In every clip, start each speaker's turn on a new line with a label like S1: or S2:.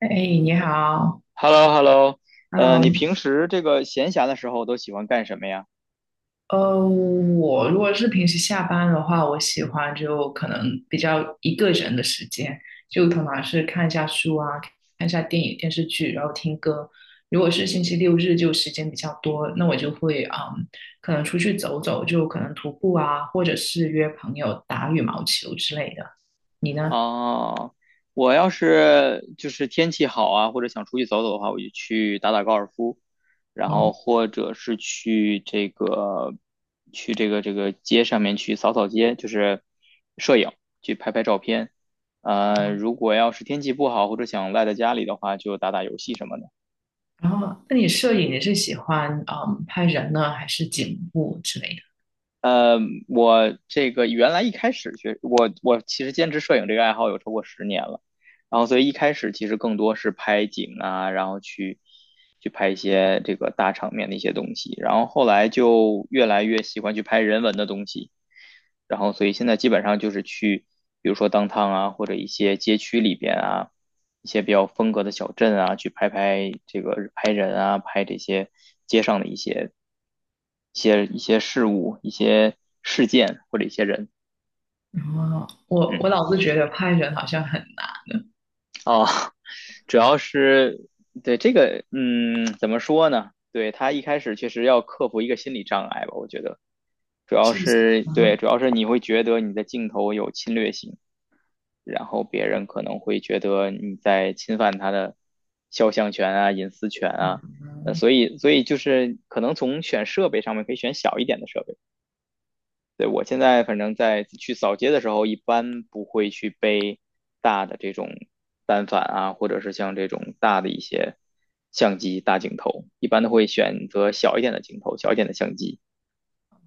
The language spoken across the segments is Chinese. S1: 哎，你好
S2: Hello hello 你
S1: ，Hello，
S2: 平时这个闲暇的时候都喜欢干什么呀？
S1: 我如果是平时下班的话，我喜欢就可能比较一个人的时间，就通常是看一下书啊，看一下电影、电视剧，然后听歌。如果是星期六日，就时间比较多，那我就会可能出去走走，就可能徒步啊，或者是约朋友打羽毛球之类的。你呢？
S2: 哦，我要是就是天气好啊，或者想出去走走的话，我就去打打高尔夫，然
S1: 哦，
S2: 后或者是去这个街上面去扫扫街，就是摄影，去拍拍照片。如果要是天气不好或者想赖在家里的话，就打打游戏什么的。
S1: 然后，那你摄影你是喜欢拍人呢，还是景物之类的？
S2: 呃，我这个原来一开始学我其实坚持摄影这个爱好有超过10年了，然后所以一开始其实更多是拍景啊，然后去拍一些这个大场面的一些东西，然后后来就越来越喜欢去拍人文的东西，然后所以现在基本上就是去，比如说 downtown 啊，或者一些街区里边啊，一些比较风格的小镇啊，去拍拍这个拍人啊，拍这些街上的一些事物、一些事件或者一些人。
S1: 哦，我
S2: 嗯，
S1: 老是觉得拍人好像很难，
S2: 哦，主要是对这个，怎么说呢？对他一开始确实要克服一个心理障碍吧，我觉得主要
S1: 是不是
S2: 是对，
S1: 啊？
S2: 主要是你会觉得你的镜头有侵略性。然后别人可能会觉得你在侵犯他的肖像权啊、隐私权啊。
S1: 嗯
S2: 所以就是可能从选设备上面可以选小一点的设备。对，我现在反正在去扫街的时候，一般不会去背大的这种单反啊，或者是像这种大的一些相机、大镜头，一般都会选择小一点的镜头、小一点的相机。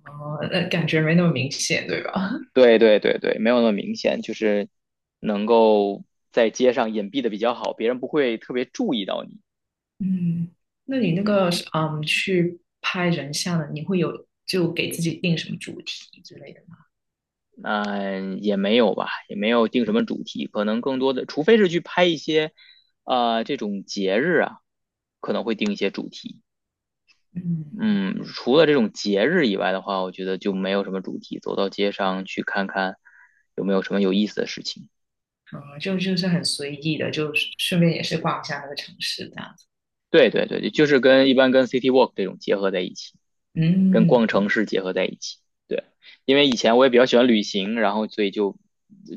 S1: 哦，那感觉没那么明显，对吧？
S2: 对对对对，没有那么明显，就是能够在街上隐蔽的比较好，别人不会特别注意到你。
S1: 嗯，那你那
S2: 嗯，
S1: 个去拍人像的，你会有就给自己定什么主题之类的吗？
S2: 那也没有吧，也没有定什么主题，可能更多的，除非是去拍一些，这种节日啊，可能会定一些主题。
S1: 嗯，
S2: 嗯，除了这种节日以外的话，我觉得就没有什么主题，走到街上去看看有没有什么有意思的事情。
S1: 啊、就是很随意的，就顺便也是逛一下那个城市这样子。
S2: 对对对，就是跟一般跟 City Walk 这种结合在一起。跟
S1: 嗯。
S2: 逛城市结合在一起。对，因为以前我也比较喜欢旅行，然后所以就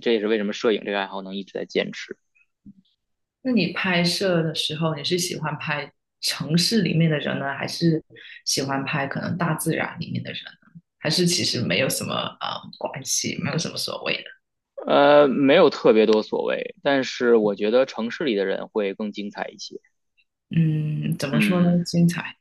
S2: 这也是为什么摄影这个爱好能一直在坚持。
S1: 那你拍摄的时候，你是喜欢拍城市里面的人呢，还是喜欢拍可能大自然里面的人呢？还是其实没有什么呃关系，没有什么所谓的？
S2: 没有特别多所谓，但是我觉得城市里的人会更精彩一些。
S1: 嗯，怎么说呢？
S2: 嗯。
S1: 精彩。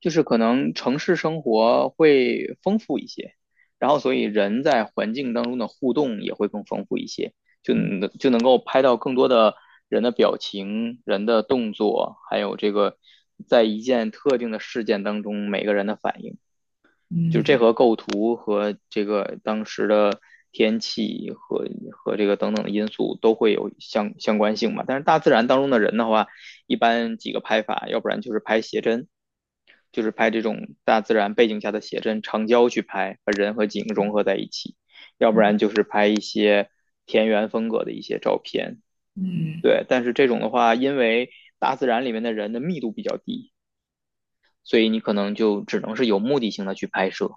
S2: 就是可能城市生活会丰富一些，然后所以人在环境当中的互动也会更丰富一些，就能
S1: 嗯
S2: 就能够拍到更多的人的表情、人的动作，还有这个在一件特定的事件当中每个人的反应。就是这
S1: 嗯
S2: 和构图和这个当时的天气和和这个等等的因素都会有相关性嘛。但是大自然当中的人的话，一般几个拍法，要不然就是拍写真，就是拍这种大自然背景下的写真，长焦去拍，把人和景融合在一起；要不然就是拍一些田园风格的一些照片。
S1: 嗯
S2: 对，但是这种的话，因为大自然里面的人的密度比较低，所以你可能就只能是有目的性的去拍摄。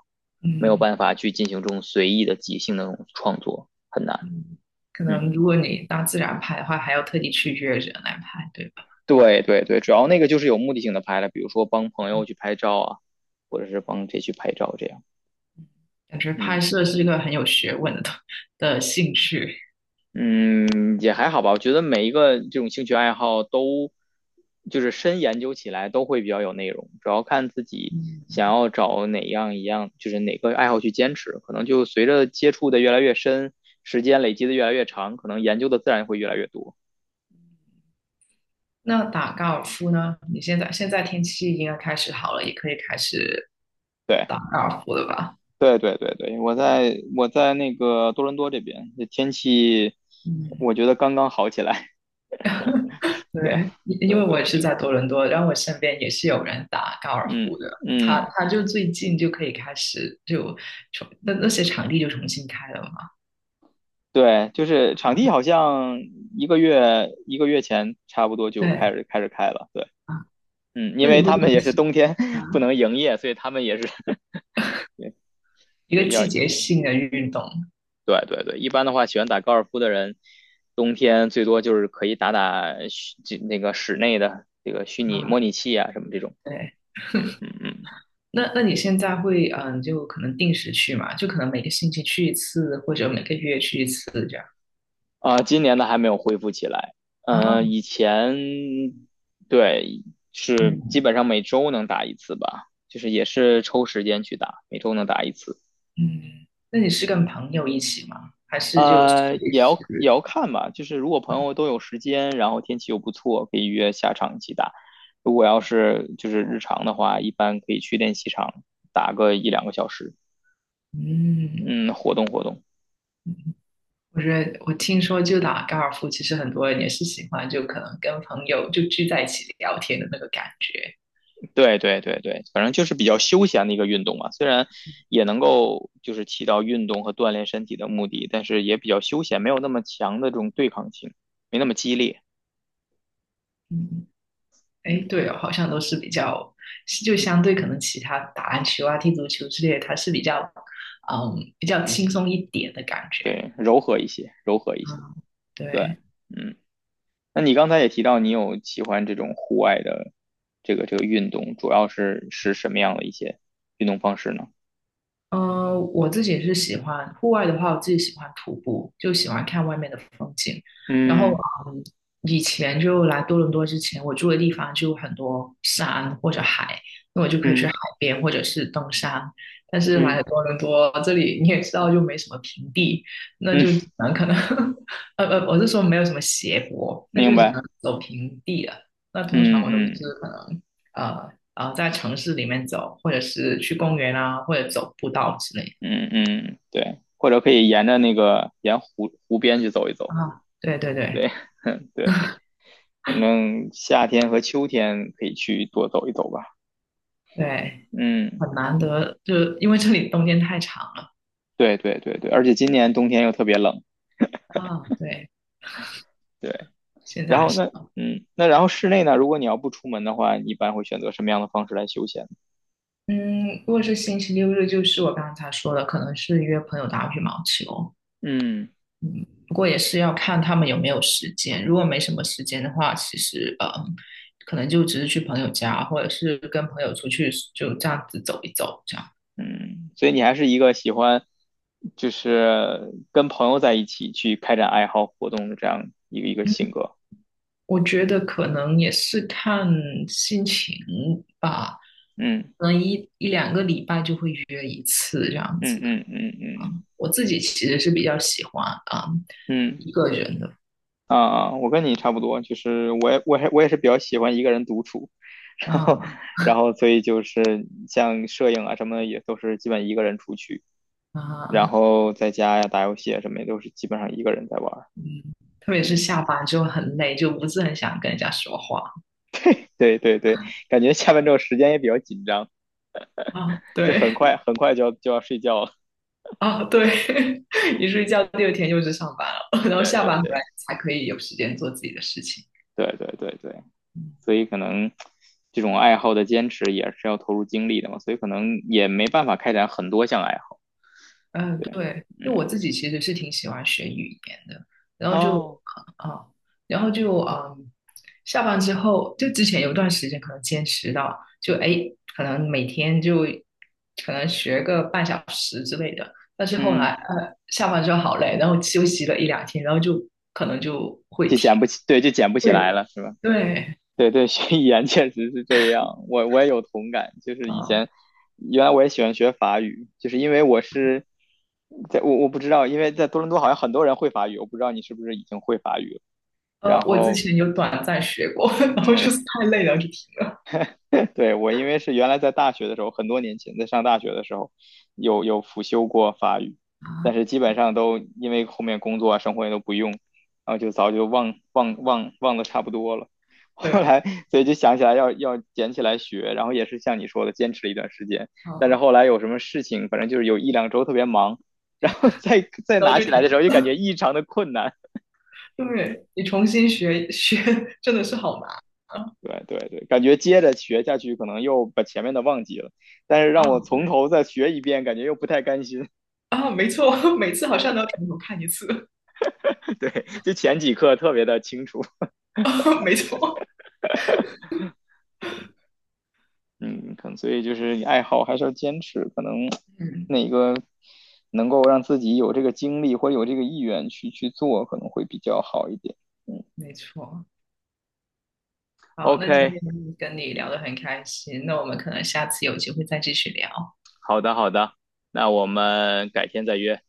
S2: 没有
S1: 嗯，
S2: 办法去进行这种随意的即兴的那种创作，很难。
S1: 嗯。可
S2: 嗯，
S1: 能如果你大自然拍的话，还要特地去约人来拍，对吧？
S2: 对对对，主要那个就是有目的性的拍了，比如说帮朋友去拍照啊，或者是帮谁去拍照这样。
S1: 感觉拍
S2: 嗯
S1: 摄是一个很有学问的东的兴趣。
S2: 嗯，也还好吧，我觉得每一个这种兴趣爱好都就是深研究起来都会比较有内容，主要看自己
S1: 嗯，
S2: 想要找哪样一样，就是哪个爱好去坚持，可能就随着接触的越来越深，时间累积的越来越长，可能研究的自然会越来越多。
S1: 那打高尔夫呢？你现在天气应该开始好了，也可以开始
S2: 对。
S1: 打高尔夫的吧。
S2: 对对对对，我在那个多伦多这边，这天气
S1: 嗯，
S2: 我觉得刚刚好起来。对
S1: 对，因为
S2: 对
S1: 我
S2: 对，
S1: 也是在多伦多，然后我身边也是有人打高尔夫
S2: 嗯
S1: 的，他
S2: 嗯，
S1: 他就最近就可以开始就重那些场地就重新开了嘛。
S2: 对，就是场地好像一个月一个月前差不多就开
S1: 对
S2: 始开始开了。对，
S1: 啊，
S2: 嗯，因
S1: 那你
S2: 为
S1: 会
S2: 他
S1: 定
S2: 们也是
S1: 期
S2: 冬天 不
S1: 啊？
S2: 能营业，所以他们也是
S1: 一个
S2: 对
S1: 季
S2: 要
S1: 节性的运动
S2: 对对对，一般的话喜欢打高尔夫的人，冬天最多就是可以打打虚这那个室内的这个虚拟模
S1: 啊，
S2: 拟器啊什么这种。
S1: 对。
S2: 嗯嗯嗯。
S1: 那你现在会就可能定时去嘛？就可能每个星期去一次，或者每个月去一次这样
S2: 啊，今年的还没有恢复起来。嗯、
S1: 啊。
S2: 以前对是基
S1: 嗯
S2: 本上每周能打一次吧，就是也是抽时间去打，每周能打一次。
S1: 嗯，那你是跟朋友一起吗？还是就随
S2: 也要也
S1: 时？
S2: 要看吧，就是如果朋友都有时间，然后天气又不错，可以约下场一起打。如果要是就是日常的话，一般可以去练习场打个1、2个小时，
S1: 嗯，
S2: 嗯，活动活动。
S1: 我觉得我听说就打高尔夫，其实很多人也是喜欢，就可能跟朋友就聚在一起聊天的那个感觉。
S2: 对对对对，反正就是比较休闲的一个运动嘛，虽然也能够就是起到运动和锻炼身体的目的，但是也比较休闲，没有那么强的这种对抗性，没那么激烈。
S1: 嗯，哎，
S2: 嗯，
S1: 对哦，好像都是比较，就相对可能其他打篮球啊、踢足球之类的，它是比较，嗯，比较轻松一点的感觉。
S2: 对，柔和一些，柔和一些。
S1: 嗯，
S2: 对，
S1: 对。
S2: 嗯，那你刚才也提到你有喜欢这种户外的这个运动，主要是什么样的一些运动方式呢？
S1: 我自己是喜欢户外的话，我自己喜欢徒步，就喜欢看外面的风景。然后，
S2: 嗯
S1: 嗯，以前就来多伦多之前，我住的地方就有很多山或者海，那我就可以去
S2: 嗯
S1: 海边或者是登山。但是来
S2: 嗯
S1: 了多伦多，这里你也知道，就没什么平地，那
S2: 嗯，
S1: 就只能可能，我是说没有什么斜坡，那
S2: 明
S1: 就只
S2: 白。
S1: 能走平地了。那通常
S2: 嗯
S1: 我都是
S2: 嗯。
S1: 可能。呃在城市里面走，或者是去公园啊，或者走步道之类
S2: 嗯嗯，对，或者可以沿着那个沿湖边去走一
S1: 的
S2: 走，
S1: 啊。对对对
S2: 对对，反正夏天和秋天可以去多走一走吧。
S1: 对，
S2: 嗯，
S1: 很难得，就因为这里冬天太长了
S2: 对对对对，而且今年冬天又特别冷，
S1: 啊。对，
S2: 对。
S1: 现在
S2: 然
S1: 还
S2: 后
S1: 是
S2: 那那然后室内呢，如果你要不出门的话，你一般会选择什么样的方式来休闲？
S1: 嗯，如果是星期六日，就是我刚才说的，可能是约朋友打羽毛球。
S2: 嗯
S1: 不过也是要看他们有没有时间。如果没什么时间的话，其实可能就只是去朋友家，或者是跟朋友出去，就这样子走一走，这样。
S2: 嗯，所以你还是一个喜欢就是跟朋友在一起去开展爱好活动的这样一个性格。
S1: 我觉得可能也是看心情吧，
S2: 嗯
S1: 可能一两个礼拜就会约一次这样
S2: 嗯
S1: 子。
S2: 嗯嗯嗯嗯。
S1: 我自己其实是比较喜欢啊、
S2: 嗯
S1: 一个人的，
S2: 啊、啊我跟你差不多，就是我也是比较喜欢一个人独处，然后
S1: 啊
S2: 所以就是像摄影啊什么的也都是基本一个人出去，然
S1: 啊
S2: 后在家呀打游戏啊什么也都是基本上一个人在玩儿。
S1: 嗯，特别是
S2: 嗯，
S1: 下班之后很累，就不是很想跟人家说话
S2: 对对对，感觉下班之后时间也比较紧张，
S1: 啊。
S2: 就很
S1: 对
S2: 快很快就要睡觉了。
S1: 啊对，一睡觉第二天又是上班了，然后
S2: 对
S1: 下
S2: 对
S1: 班回
S2: 对
S1: 来才可以有时间做自己的事情。
S2: 对对对对，
S1: 嗯
S2: 所以可能这种爱好的坚持也是要投入精力的嘛，所以可能也没办法开展很多项爱好。
S1: 嗯，
S2: 对，
S1: 对，因为我
S2: 嗯，
S1: 自己其实是挺喜欢学语言的，然后就
S2: 哦。
S1: 啊，然后就嗯，下班之后，就之前有段时间可能坚持到，就哎，诶可能每天就可能学个半小时之类的，但是后
S2: 嗯，
S1: 来下班之后好累，然后休息了一两天，然后就可能就会
S2: 就
S1: 停。
S2: 捡不起，对，就捡不起
S1: 对
S2: 来了，是吧？
S1: 对
S2: 对对，学语言确实是这样，我也有同感。就是以
S1: 啊，
S2: 前，原来我也喜欢学法语，就是因为我是在我我不知道，因为在多伦多好像很多人会法语，我不知道你是不是已经会法语了。然
S1: 我之
S2: 后，
S1: 前有短暂学过，然后就
S2: 嗯，
S1: 是太累了就停。
S2: 对我因为是原来在大学的时候，很多年前在上大学的时候，有辅修过法语，但
S1: 啊，
S2: 是基本上都因为后面工作啊、生活也都不用，然后就早就忘忘忘忘的差不多了。
S1: 对
S2: 后来，
S1: 了，
S2: 所以就想起来要捡起来学，然后也是像你说的，坚持了一段时间。
S1: 啊，
S2: 但是后来有什么事情，反正就是有1、2周特别忙，然后再
S1: 然后
S2: 拿
S1: 就
S2: 起来
S1: 停。
S2: 的时候，就
S1: 了。
S2: 感觉异常的困难。
S1: 对，你重新学 学真的是好难啊
S2: 对对对，感觉接着学下去，可能又把前面的忘记了，但是让
S1: 啊！
S2: 我从头再学一遍，感觉又不太甘心。
S1: 啊！没错，每次好像都要从头看一次，
S2: 对，就前几课特别的清楚，
S1: 没错。
S2: 嗯，可能所以就是你爱好还是要坚持，可能
S1: 嗯，
S2: 哪个能够让自己有这个精力或者有这个意愿去做，可能会比较好一点。
S1: 没错。好，那今
S2: OK，
S1: 天跟你聊得很开心，那我们可能下次有机会再继续聊。
S2: 好的好的，那我们改天再约，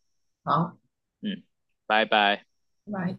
S1: 好，
S2: 嗯，拜拜。
S1: 拜拜。